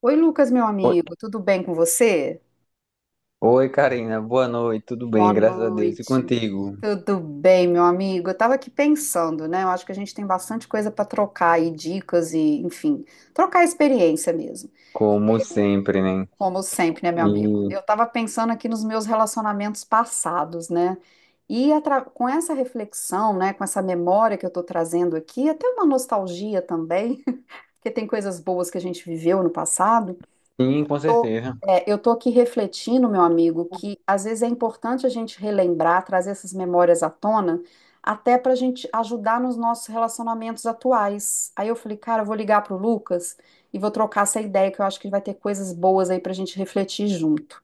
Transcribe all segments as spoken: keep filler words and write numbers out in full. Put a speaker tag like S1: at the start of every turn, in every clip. S1: Oi, Lucas, meu
S2: Oi,
S1: amigo, tudo bem com você?
S2: oi, Karina, boa noite, tudo
S1: Boa
S2: bem, graças a Deus. E
S1: noite.
S2: contigo,
S1: Tudo bem, meu amigo? Eu estava aqui pensando, né? Eu acho que a gente tem bastante coisa para trocar aí, dicas e, enfim, trocar experiência mesmo.
S2: como sempre, né?
S1: Como sempre, né, meu amigo?
S2: E
S1: Eu estava pensando aqui nos meus relacionamentos passados, né? E atra- com essa reflexão, né, com essa memória que eu estou trazendo aqui, até uma nostalgia também, porque tem coisas boas que a gente viveu no passado.
S2: sim, com certeza.
S1: É, eu estou aqui refletindo, meu amigo, que às vezes é importante a gente relembrar, trazer essas memórias à tona, até para a gente ajudar nos nossos relacionamentos atuais. Aí eu falei, cara, eu vou ligar pro Lucas e vou trocar essa ideia, que eu acho que vai ter coisas boas aí para a gente refletir junto.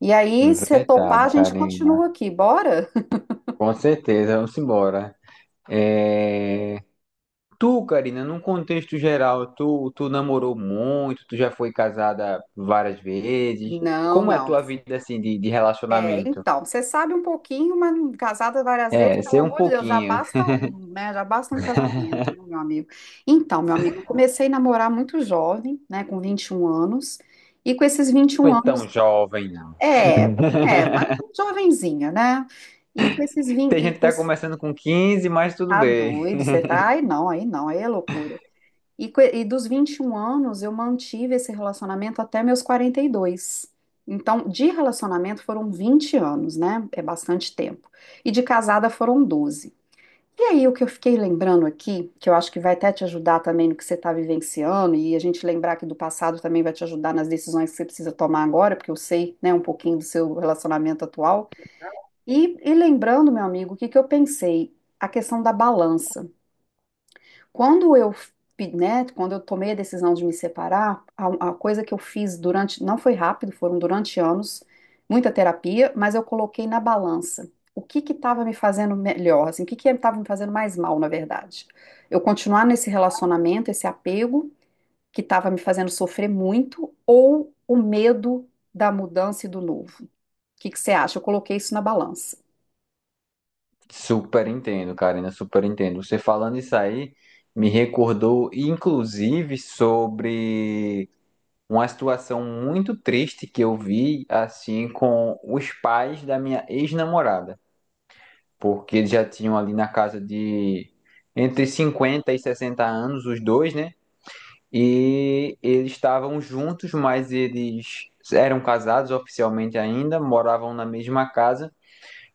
S1: E aí, se topar,
S2: Verdade,
S1: a gente
S2: Karina.
S1: continua aqui, bora?
S2: Com certeza, vamos embora. É... Tu, Karina, num contexto geral, tu, tu namorou muito, tu já foi casada várias vezes.
S1: Não,
S2: Como é a
S1: não.
S2: tua vida assim de, de
S1: É,
S2: relacionamento?
S1: então, você sabe um pouquinho, mas não- casada várias vezes,
S2: É,
S1: pelo
S2: ser um
S1: amor de Deus, já
S2: pouquinho.
S1: basta um, né? Já basta um casamento, né, meu amigo? Então, meu amigo, eu comecei a namorar muito jovem, né, com vinte e um anos, e com esses vinte e um
S2: Foi tão
S1: anos,
S2: jovem, não.
S1: é, é, mas jovenzinha, né? E com esses vinte,
S2: Tem
S1: e
S2: gente que
S1: com
S2: tá
S1: esse,
S2: começando com quinze, mas tudo
S1: tá
S2: bem.
S1: doido, você tá, aí não, aí não, aí é loucura. E, co- e dos vinte e um anos, eu mantive esse relacionamento até meus quarenta e dois. Então, de relacionamento foram vinte anos, né? É bastante tempo. E de casada foram doze. E aí, o que eu fiquei lembrando aqui, que eu acho que vai até te ajudar também no que você está vivenciando, e a gente lembrar que do passado também vai te ajudar nas decisões que você precisa tomar agora, porque eu sei, né, um pouquinho do seu relacionamento atual. E, e lembrando, meu amigo, o que que eu pensei? A questão da balança. Quando eu, fi- né, quando eu tomei a decisão de me separar, a, a coisa que eu fiz durante, não foi rápido, foram durante anos, muita terapia, mas eu coloquei na balança. O que que estava me fazendo melhor, assim, o que que estava me fazendo mais mal, na verdade? Eu continuar nesse relacionamento, esse apego que estava me fazendo sofrer muito, ou o medo da mudança e do novo? O que que você acha? Eu coloquei isso na balança.
S2: Super entendo, Karina, super entendo. Você falando isso aí me recordou, inclusive, sobre uma situação muito triste que eu vi, assim, com os pais da minha ex-namorada, porque eles já tinham ali na casa de entre cinquenta e sessenta anos, os dois, né? E eles estavam juntos, mas eles eram casados oficialmente ainda, moravam na mesma casa.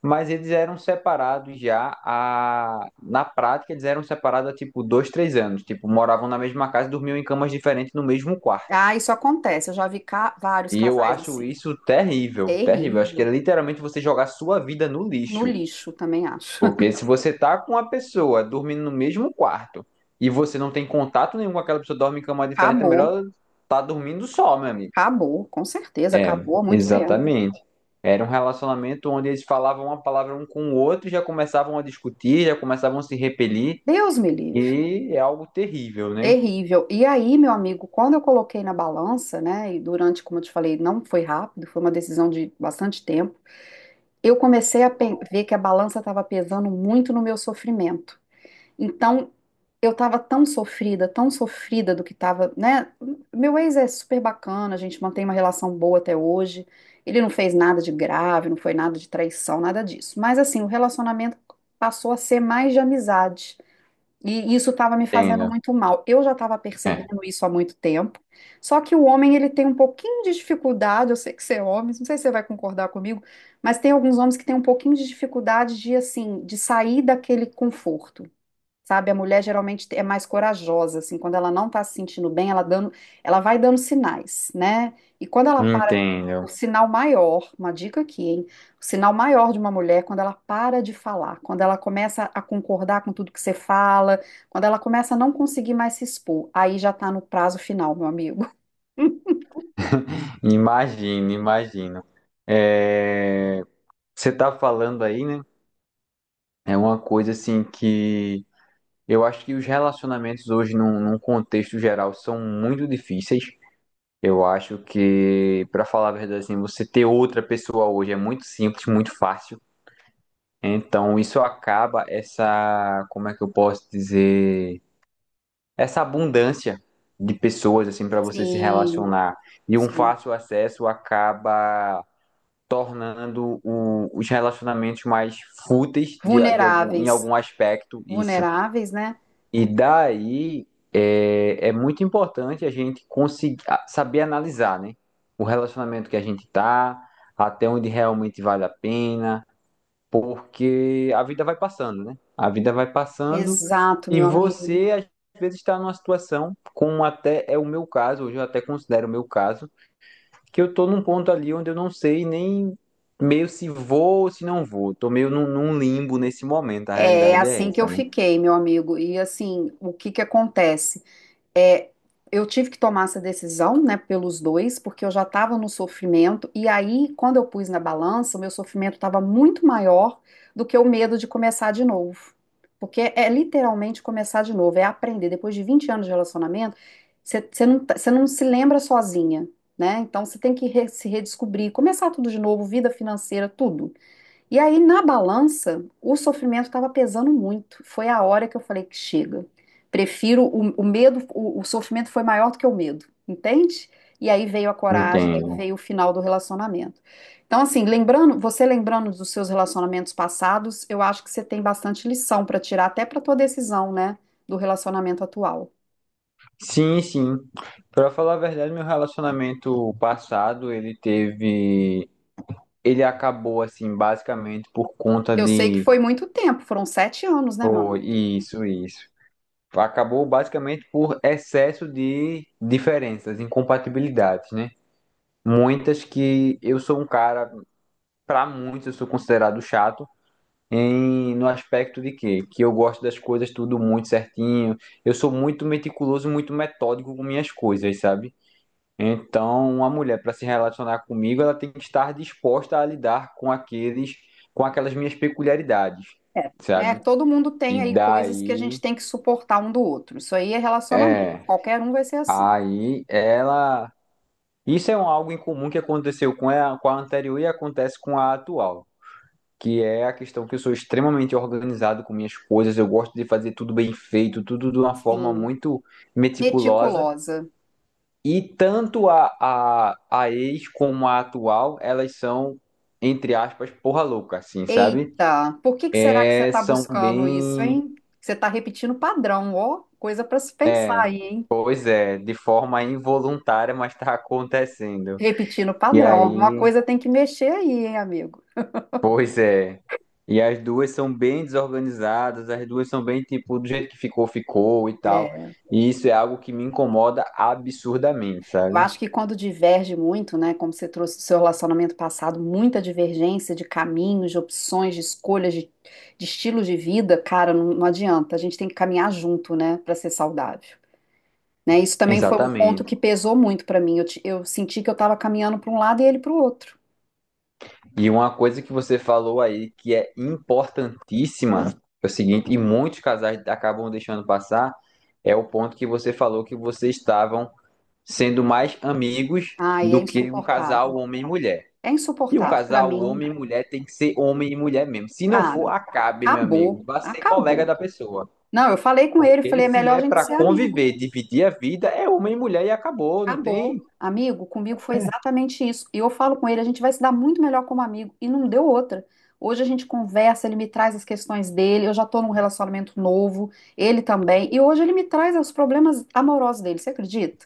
S2: Mas eles eram separados já a... na prática, eles eram separados há tipo dois, três anos. Tipo, moravam na mesma casa e dormiam em camas diferentes no mesmo quarto.
S1: Ah, isso acontece. Eu já vi ca- vários
S2: E eu
S1: casais
S2: acho
S1: assim.
S2: isso terrível, terrível. Acho que
S1: Terrível.
S2: é literalmente você jogar sua vida no
S1: No
S2: lixo.
S1: lixo, também acho.
S2: Porque se você tá com uma pessoa dormindo no mesmo quarto e você não tem contato nenhum com aquela pessoa, dorme em cama diferente, é
S1: Acabou,
S2: melhor tá dormindo só, meu amigo.
S1: acabou, com certeza,
S2: É,
S1: acabou há muito tempo.
S2: exatamente. Era um relacionamento onde eles falavam uma palavra um com o outro, e já começavam a discutir, já começavam a se repelir,
S1: Deus me livre.
S2: e é algo terrível, né?
S1: Terrível. E aí, meu amigo, quando eu coloquei na balança, né, e durante, como eu te falei, não foi rápido, foi uma decisão de bastante tempo, eu comecei a pe- ver que a balança estava pesando muito no meu sofrimento. Então, eu tava tão sofrida, tão sofrida do que tava, né? Meu ex é super bacana, a gente mantém uma relação boa até hoje. Ele não fez nada de grave, não foi nada de traição, nada disso. Mas assim, o relacionamento passou a ser mais de amizade. E isso estava me fazendo
S2: Entendo.
S1: muito mal. Eu já estava
S2: É,
S1: percebendo isso há muito tempo. Só que o homem, ele tem um pouquinho de dificuldade. Eu sei que você é homem, não sei se você vai concordar comigo, mas tem alguns homens que têm um pouquinho de dificuldade de, assim, de sair daquele conforto. Sabe, a mulher geralmente é mais corajosa, assim, quando ela não tá se sentindo bem, ela dando, ela vai dando sinais, né? E quando ela para, o
S2: entendo.
S1: sinal maior, uma dica aqui, hein? O sinal maior de uma mulher, é quando ela para de falar, quando ela começa a concordar com tudo que você fala, quando ela começa a não conseguir mais se expor, aí já tá no prazo final, meu amigo.
S2: Imagino, imagino. É, você tá falando aí, né? É uma coisa assim que eu acho que os relacionamentos hoje, num, num contexto geral, são muito difíceis. Eu acho que, pra falar a verdade, assim, você ter outra pessoa hoje é muito simples, muito fácil. Então, isso acaba essa, como é que eu posso dizer, essa abundância de pessoas assim para você se
S1: Sim,
S2: relacionar e um
S1: sim.
S2: fácil acesso acaba tornando o- os relacionamentos mais fúteis de, de algum, em
S1: Vulneráveis,
S2: algum aspecto isso.
S1: vulneráveis, né?
S2: E daí é, é muito importante a gente conseguir a- saber analisar, né? O relacionamento que a gente tá, até onde realmente vale a pena porque a vida vai passando, né? A vida vai passando
S1: Exato,
S2: e
S1: meu amigo.
S2: você às vezes está numa situação, como até é o meu caso, hoje eu até considero o meu caso, que eu tô num ponto ali onde eu não sei nem meio se vou ou se não vou. Tô meio num, num limbo nesse momento, a
S1: É
S2: realidade é
S1: assim que
S2: essa,
S1: eu
S2: né?
S1: fiquei, meu amigo. E assim, o que que acontece? É, eu tive que tomar essa decisão, né, pelos dois, porque eu já estava no sofrimento. E aí, quando eu pus na balança, o meu sofrimento estava muito maior do que o medo de começar de novo. Porque é literalmente começar de novo, é aprender. Depois de vinte anos de relacionamento, você você não, tá- você não se lembra sozinha, né? Então você tem que re- se redescobrir, começar tudo de novo, vida financeira, tudo. E aí, na balança, o sofrimento estava pesando muito. Foi a hora que eu falei que chega. Prefiro o, o medo, o, o sofrimento foi maior do que o medo, entende? E aí veio a coragem, aí
S2: Entendo.
S1: veio o final do relacionamento. Então, assim, lembrando, você lembrando dos seus relacionamentos passados, eu acho que você tem bastante lição para tirar, até para tua decisão, né, do relacionamento atual.
S2: Sim, sim. Para falar a verdade, meu relacionamento passado, ele teve ele acabou assim basicamente por conta
S1: Eu sei que
S2: de
S1: foi muito tempo, foram sete anos, né, meu
S2: oh,
S1: amigo?
S2: isso, isso. Acabou basicamente por excesso de diferenças, incompatibilidades, né? Muitas que eu sou um cara, para muitos eu sou considerado chato, em, no aspecto de que, que eu gosto das coisas tudo muito certinho, eu sou muito meticuloso, muito metódico com minhas coisas, sabe? Então, uma mulher para se relacionar comigo, ela tem que estar disposta a lidar com aqueles, com aquelas minhas peculiaridades,
S1: É, né?
S2: sabe?
S1: Todo mundo tem
S2: E
S1: aí coisas que a
S2: daí,
S1: gente tem que suportar um do outro. Isso aí é relacionamento.
S2: é,
S1: Qualquer um vai ser assim.
S2: aí ela isso é um algo em comum que aconteceu com a, com a anterior e acontece com a atual, que é a questão que eu sou extremamente organizado com minhas coisas, eu gosto de fazer tudo bem feito, tudo de uma forma
S1: Sim,
S2: muito meticulosa,
S1: meticulosa.
S2: e tanto a, a, a ex como a atual, elas são, entre aspas, porra louca, assim, sabe?
S1: Eita, por que que será que você
S2: É,
S1: está
S2: são
S1: buscando isso,
S2: bem.
S1: hein? Você está repetindo padrão, ó, coisa para se pensar
S2: É,
S1: aí, hein?
S2: pois é, de forma involuntária, mas tá acontecendo.
S1: Repetindo
S2: E
S1: padrão.
S2: aí.
S1: Alguma coisa tem que mexer aí, hein, amigo?
S2: Pois é. E as duas são bem desorganizadas, as duas são bem tipo, do jeito que ficou, ficou e tal. E isso é algo que me incomoda absurdamente,
S1: Eu
S2: sabe?
S1: acho que quando diverge muito, né, como você trouxe do seu relacionamento passado, muita divergência de caminhos, de opções, de escolhas, de, de estilos de vida, cara, não, não adianta. A gente tem que caminhar junto, né, para ser saudável. Né? Isso também foi um ponto
S2: Exatamente.
S1: que pesou muito para mim. Eu, ti- eu senti que eu estava caminhando para um lado e ele para o outro.
S2: E uma coisa que você falou aí que é importantíssima, é o seguinte, e muitos casais acabam deixando passar, é o ponto que você falou que vocês estavam sendo mais amigos
S1: Ai, é
S2: do que um casal
S1: insuportável.
S2: homem e mulher.
S1: É
S2: E um É,
S1: insuportável. Para
S2: casal,
S1: mim, não
S2: homem
S1: dá.
S2: e mulher, tem que ser homem e mulher mesmo. Se não for,
S1: Cara,
S2: acabe, meu amigo.
S1: acabou.
S2: Vá ser colega
S1: Acabou.
S2: da pessoa.
S1: Não, eu falei com ele,
S2: Porque
S1: falei, é
S2: se
S1: melhor a
S2: é
S1: gente
S2: pra
S1: ser amigo.
S2: conviver, dividir a vida, é homem e mulher e acabou, não tem?
S1: Acabou. Amigo, comigo foi exatamente isso. E eu falo com ele, a gente vai se dar muito melhor como amigo. E não deu outra. Hoje a gente conversa, ele me traz as questões dele. Eu já tô num relacionamento novo, ele também. E hoje ele me traz os problemas amorosos dele, você acredita?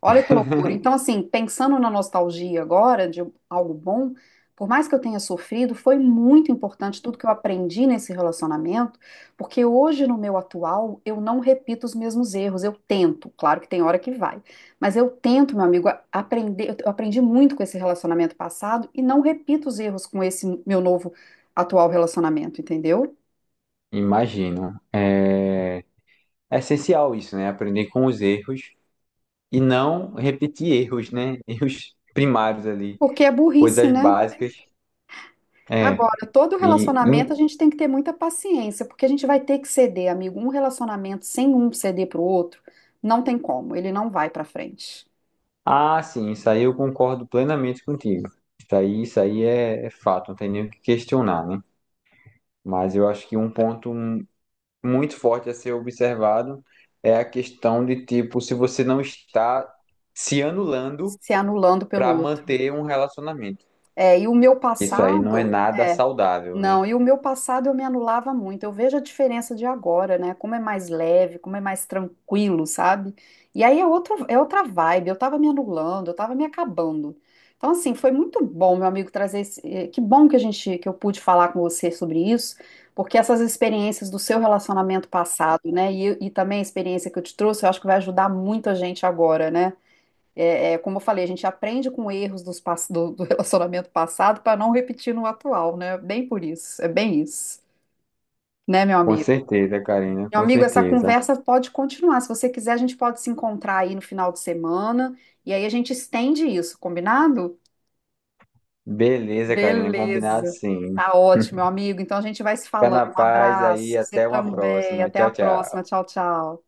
S1: Olha que loucura. Então, assim, pensando na nostalgia agora, de algo bom, por mais que eu tenha sofrido, foi muito importante tudo que eu aprendi nesse relacionamento, porque hoje, no meu atual, eu não repito os mesmos erros. Eu tento, claro que tem hora que vai, mas eu tento, meu amigo, a- aprender. Eu aprendi muito com esse relacionamento passado e não repito os erros com esse meu novo atual relacionamento, entendeu?
S2: Imagino. É... é essencial isso, né? Aprender com os erros e não repetir erros, né? Erros primários ali,
S1: Porque é burrice,
S2: coisas
S1: né?
S2: básicas. É.
S1: Agora, todo
S2: E, e-
S1: relacionamento a gente tem que ter muita paciência, porque a gente vai ter que ceder, amigo. Um relacionamento sem um ceder pro outro, não tem como, ele não vai pra frente,
S2: Ah, sim, isso aí eu concordo plenamente contigo. Isso aí, isso aí é, é fato, não tem nem o que questionar, né? Mas eu acho que um ponto muito forte a ser observado é a questão de tipo se você não está se anulando
S1: se anulando pelo
S2: para
S1: outro.
S2: manter um relacionamento.
S1: É, e o meu
S2: Isso aí não é
S1: passado,
S2: nada
S1: é,
S2: saudável, né?
S1: não, e o meu passado eu me anulava muito. Eu vejo a diferença de agora, né? Como é mais leve, como é mais tranquilo, sabe? E aí é outra, é outra vibe. Eu tava me anulando, eu tava me acabando. Então, assim, foi muito bom, meu amigo, trazer esse. eh, Que bom que a gente, que eu pude falar com você sobre isso, porque essas experiências do seu relacionamento passado, né? E, e também a experiência que eu te trouxe, eu acho que vai ajudar muito a gente agora, né? É, é, como eu falei, a gente aprende com erros dos, pass- do, do relacionamento passado para não repetir no atual, né? Bem por isso, é bem isso, né, meu
S2: Com
S1: amigo?
S2: certeza, Karina,
S1: Meu
S2: com
S1: amigo, essa
S2: certeza.
S1: conversa pode continuar. Se você quiser, a gente pode se encontrar aí no final de semana e aí a gente estende isso, combinado?
S2: Beleza, Karina, combinado
S1: Beleza.
S2: sim.
S1: Tá ótimo, meu amigo. Então a gente vai se
S2: Fica
S1: falando.
S2: na
S1: Um
S2: paz aí,
S1: abraço. Você
S2: até uma
S1: também.
S2: próxima.
S1: Até a
S2: Tchau, tchau.
S1: próxima. Tchau, tchau.